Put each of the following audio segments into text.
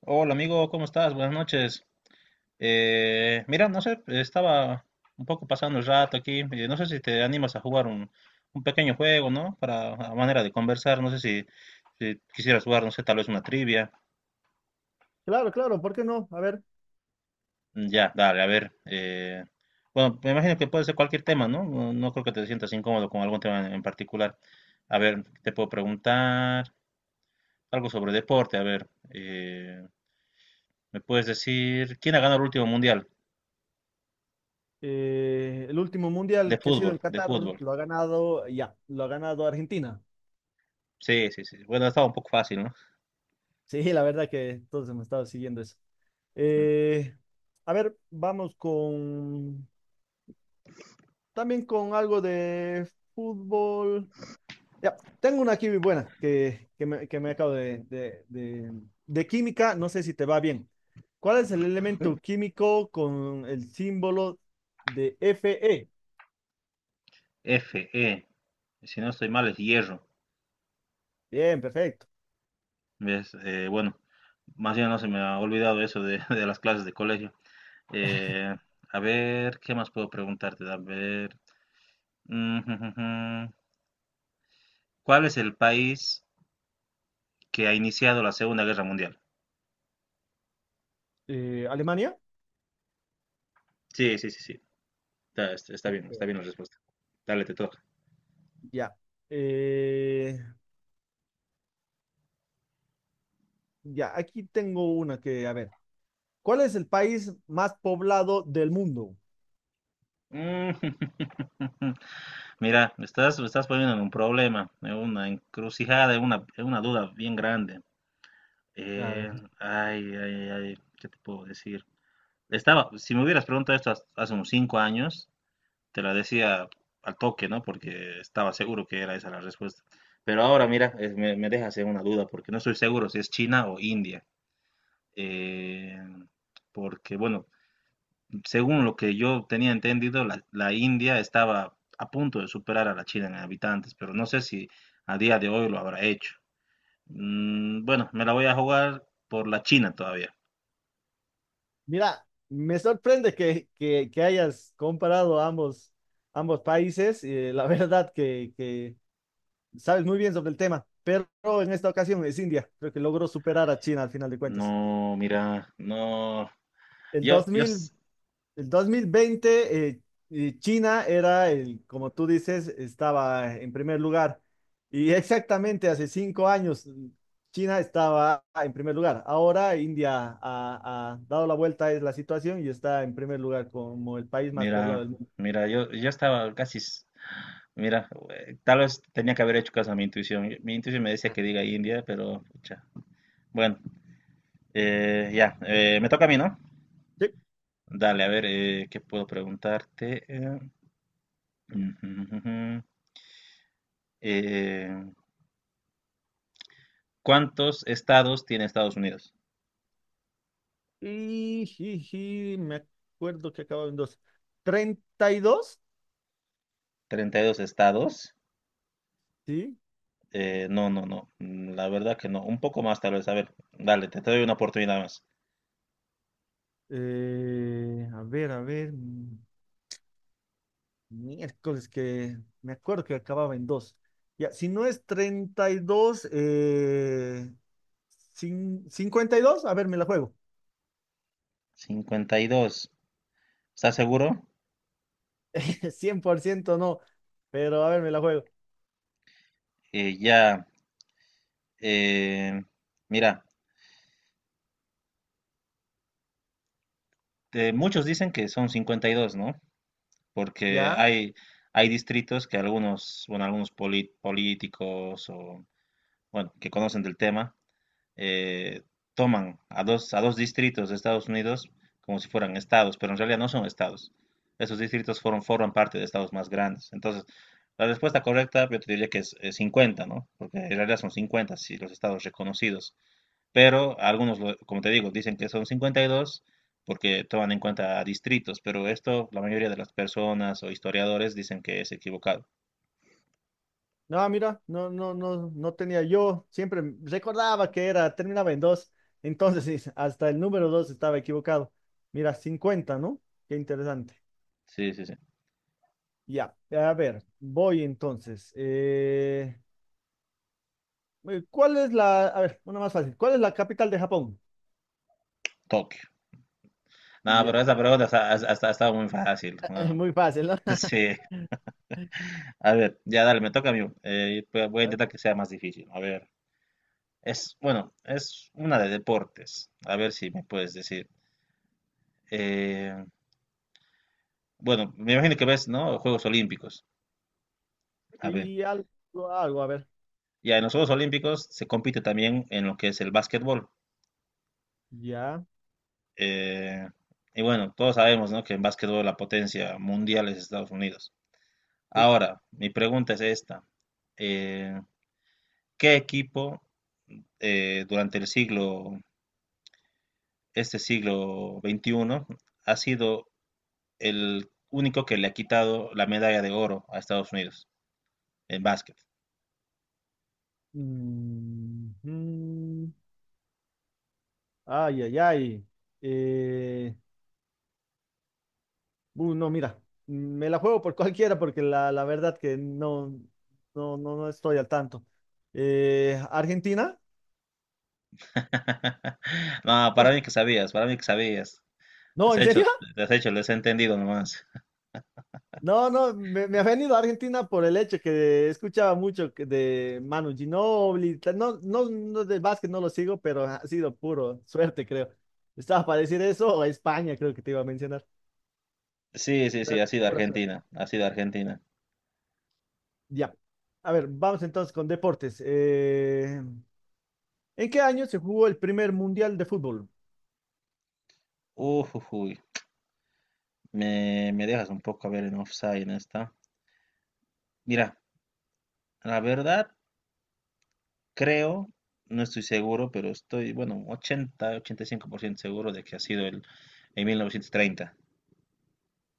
Hola amigo, ¿cómo estás? Buenas noches. Mira, no sé, estaba un poco pasando el rato aquí. No sé si te animas a jugar un pequeño juego, ¿no? Para a manera de conversar. No sé si quisieras jugar, no sé, tal vez una trivia. Claro, claro, ¿por qué no? A ver, Ya dale, a ver. Bueno, me imagino que puede ser cualquier tema, ¿no? No, no creo que te sientas incómodo con algún tema en particular. A ver, te puedo preguntar algo sobre deporte. A ver, ¿me puedes decir quién ha ganado el último mundial el último de mundial que ha sido fútbol? en De Qatar fútbol. lo ha ganado, ya, lo ha ganado Argentina. Sí, sí, sí. Bueno, estaba un poco fácil, ¿no? Sí, la verdad que todos hemos estado siguiendo eso. Eh, a ver, vamos con, también con algo de fútbol. Ya, tengo una aquí buena que me acabo de química, no sé si te va bien. ¿Cuál es el elemento químico con el símbolo de Fe? F E. Si no estoy mal, es hierro. Bien, perfecto. ¿Ves? Bueno, más bien no se me ha olvidado eso de, de las clases de colegio. Eh, a ver, ¿qué más puedo preguntarte? A ver, mm, jum, jum, jum. ¿Cuál es el país que ha iniciado la Segunda Guerra Mundial? ¿Alemania? Sí, sí, sí, sí. Está bien, está Súper. bien la respuesta. Dale, te toca. Ya. Eh, ya, aquí tengo una que, a ver, ¿cuál es el país más poblado del mundo? Mm. Mira, me estás poniendo en un problema, en una encrucijada, en en una duda bien grande. A Eh, ver, ay, ay, ay, ¿qué te puedo decir? Estaba, si me hubieras preguntado esto hace unos 5 años, te la decía al toque, ¿no? Porque estaba seguro que era esa la respuesta. Pero ahora, mira, me dejas en una duda, porque no estoy seguro si es China o India. Eh, porque, bueno, según lo que yo tenía entendido, la India estaba a punto de superar a la China en habitantes, pero no sé si a día de hoy lo habrá hecho. Bueno, me la voy a jugar por la China todavía. mira, me sorprende que, que hayas comparado ambos países. La verdad que sabes muy bien sobre el tema, pero en esta ocasión es India. Creo que logró superar a China al final de cuentas. No, mira, no. El dos Yo, yo, mil s- El 2020, China era el, como tú dices, estaba en primer lugar. Y exactamente hace 5 años, China estaba en primer lugar. Ahora India ha, ha dado la vuelta a la situación y está en primer lugar como el país más poblado mira, del mundo. yo estaba casi, mira, tal vez tenía que haber hecho caso a mi intuición. Mi intuición me decía que diga India, pero, pucha. Bueno, ya, me toca a mí, ¿no? Sí. Dale, a ver, ¿qué puedo preguntarte? Ujú, ujú, ujú. Eh, ¿Cuántos estados tiene Estados Unidos? Y, jiji, me acuerdo que acababa en dos. ¿32? ¿32 estados? Sí. No, no, no, la verdad que no. Un poco más, tal vez. A ver, dale, te doy una oportunidad más. A ver. Miércoles que me acuerdo que acababa en dos. Ya, si no es 32, 52, a ver, me la juego. 52. ¿Estás seguro? 100% no, pero a ver, me la juego. Ya, eh, mira, muchos dicen que son 52, ¿no? Porque ¿Ya? Hay distritos que algunos, bueno, algunos políticos o, bueno, que conocen del tema, eh, toman a dos distritos de Estados Unidos como si fueran estados, pero en realidad no son estados. Esos distritos forman parte de estados más grandes. Entonces, la respuesta correcta yo te diría que es 50, ¿no? Porque en realidad son 50 si los estados reconocidos. Pero algunos, como te digo, dicen que son 52 porque toman en cuenta distritos, pero esto la mayoría de las personas o historiadores dicen que es equivocado. No, mira, no tenía yo. Siempre recordaba que era, terminaba en dos. Entonces, sí, hasta el número dos estaba equivocado. Mira, 50, ¿no? Qué interesante. Sí, sí, sí. Ya, a ver, voy entonces. ¿Cuál es la, a ver, una más fácil? ¿Cuál es la capital de Japón? Tokio. No, pero Ya, esa pero pregunta ha estado muy fácil. es No. muy fácil, ¿no? Sí. A ver, ya dale, me toca a mí. Voy a A ver. intentar que sea más difícil. A ver. Es, bueno, es una de deportes. A ver si me puedes decir. Eh, bueno, me imagino que ves, ¿no? Juegos Olímpicos. A ver. Y algo, algo, a ver. Ya en los Juegos Olímpicos se compite también en lo que es el básquetbol. Ya. Eh, y bueno, todos sabemos, ¿no? Que en básquetbol la potencia mundial es Estados Unidos. Sí. Ahora, mi pregunta es esta. Eh, ¿Qué equipo durante este siglo XXI, ha sido el único que le ha quitado la medalla de oro a Estados Unidos en básquet? Mm, mm. Ay, ay, ay. Eh, no, mira, me la juego por cualquiera porque la verdad que no, no estoy al tanto. ¿Argentina? No, para mí que sabías, para mí que sabías. No, has ¿en hecho, serio? has hecho, les he entendido nomás. No, no, me ha venido a Argentina por el hecho que escuchaba mucho que de Manu Ginóbili, no, no de básquet no lo sigo, pero ha sido puro suerte, creo. Estaba para decir eso, o España, creo que te iba a mencionar. Sí, sí, sí, Creo, ha sido pura suerte. Argentina, ha sido Argentina. Ya. A ver, vamos entonces con deportes. ¿En qué año se jugó el primer mundial de fútbol? Uf, me dejas un poco a ver en offside en esta. Mira, la verdad, creo, no estoy seguro, pero estoy, bueno, 80, 85% seguro de que ha sido en 1930.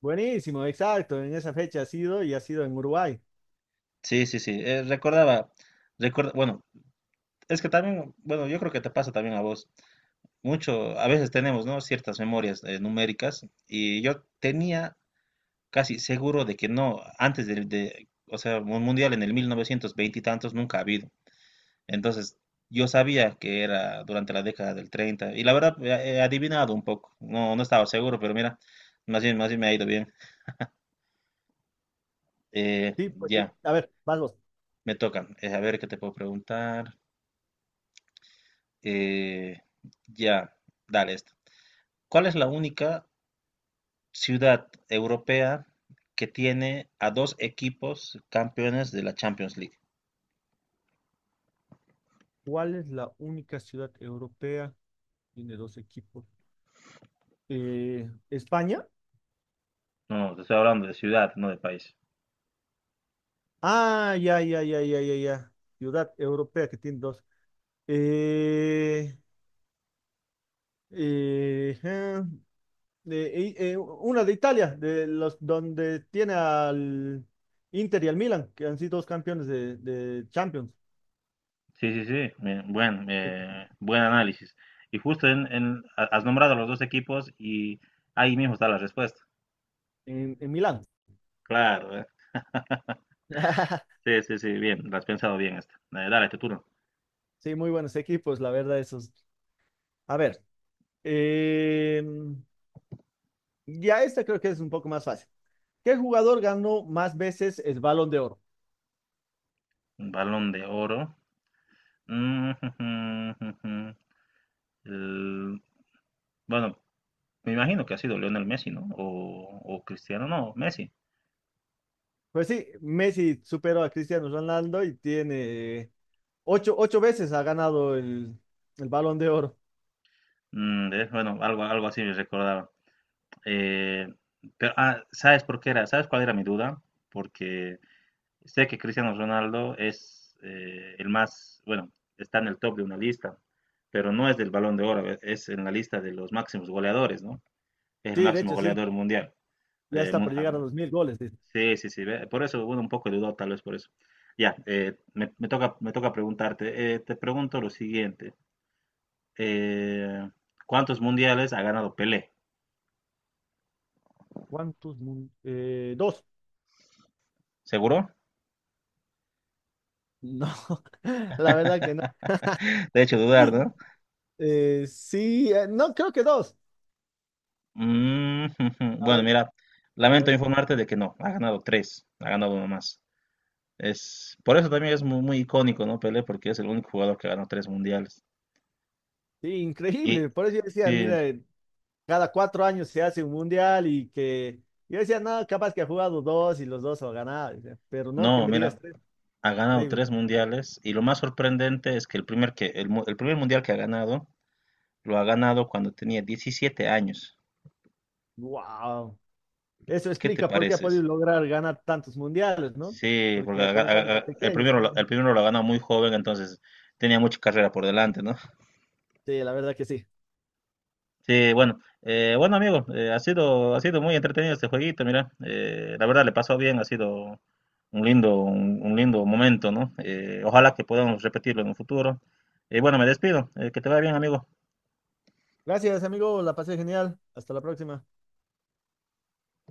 Buenísimo, exacto, en esa fecha ha sido y ha sido en Uruguay. Sí, sí, sí. Recordaba, recuerda, bueno, es que también, bueno, yo creo que te pasa también a vos. Mucho, a veces tenemos, ¿no? Ciertas memorias numéricas y yo tenía casi seguro de que no, antes o sea, un mundial en el 1920 y tantos nunca ha habido. Entonces, yo sabía que era durante la década del 30 y la verdad he adivinado un poco, no, no estaba seguro, pero mira, más bien me ha ido bien. Eh, Sí, pues sí. ya, A ver, vamos. me toca. A ver qué te puedo preguntar. Eh, ya, dale esto. ¿Cuál es la única ciudad europea que tiene a dos equipos campeones de la Champions League? ¿Cuál es la única ciudad europea? Tiene dos equipos. España. No, no, te estoy hablando de ciudad, no de país. Ah, ya. Ciudad europea que tiene dos. Eh, eh, eh, una de Italia, de los donde tiene al Inter y al Milan, que han sido dos campeones de Champions Sí, sí, sí, me- buen, en, eh, buen análisis. Y justo has nombrado a los dos equipos y ahí mismo está la respuesta. En Milán. Claro, ¿eh? Sí, sí, sí, bien, la has pensado bien esta. Dale, tu turno. Sí, muy buenos equipos, la verdad, esos. A ver, eh, ya esta creo que es un poco más fácil. ¿Qué jugador ganó más veces el Balón de Oro? Balón de oro. Mm. el- bueno, me imagino que ha sido Lionel Messi, ¿no? O Cristiano, no, Messi. Pues sí, Messi superó a Cristiano Ronaldo y tiene ocho veces ha ganado el Balón de Oro. Bueno, algo así me recordaba. Eh, pero, ¿sabes por qué era? ¿Sabes cuál era mi duda? Porque sé que Cristiano Ronaldo es el más, bueno, está en el top de una lista, pero no es del Balón de Oro, es en la lista de los máximos goleadores, ¿no? Es el Sí, de máximo hecho, sí. goleador mundial. Ya Eh, está mu- por ah, llegar a no. los 1000 goles, dice. Sí, sí, sí. Ve, por eso, bueno, un poco dudado tal vez por eso. Ya, me toca preguntarte. Te pregunto lo siguiente. eh, ¿cuántos mundiales ha ganado Pelé? ¿Cuántos? Dos. ¿Seguro? No, la verdad que no. Te he hecho dudar, ¿no? Sí, no, creo que dos. Mm. A Bueno, ver, mira, a lamento ver. informarte de que no, ha ganado tres, ha ganado uno más. Es, por eso también es muy, muy icónico, ¿no? Pelé, porque es el único jugador que ha ganado tres mundiales. Sí, Y increíble. Por eso yo decía, sí, mira, cada 4 años se hace un mundial y que yo decía, no, capaz que ha jugado dos y los dos ha ganado, decía. Pero no, que no, me digas mira, tres. ha ganado Increíble. tres mundiales y lo más sorprendente es que el primer mundial que ha ganado, lo ha ganado cuando tenía 17 años. Wow. Eso ¿Qué te explica por qué ha podido pareces? lograr ganar tantos mundiales, ¿no? Sí, porque Porque ha- ha comenzado ha- desde ha- el pequeño. primero, lo- el primero lo ha ganado muy joven, entonces tenía mucha carrera por delante, ¿no? Sí, la verdad que sí. Sí, bueno, bueno amigo, ha sido muy entretenido este jueguito, mira, la verdad le pasó bien, ha sido un lindo momento, ¿no? Ojalá que podamos repetirlo en un futuro. Y bueno, me despido, que te vaya bien, amigo. Gracias, amigo. La pasé genial. Hasta la próxima.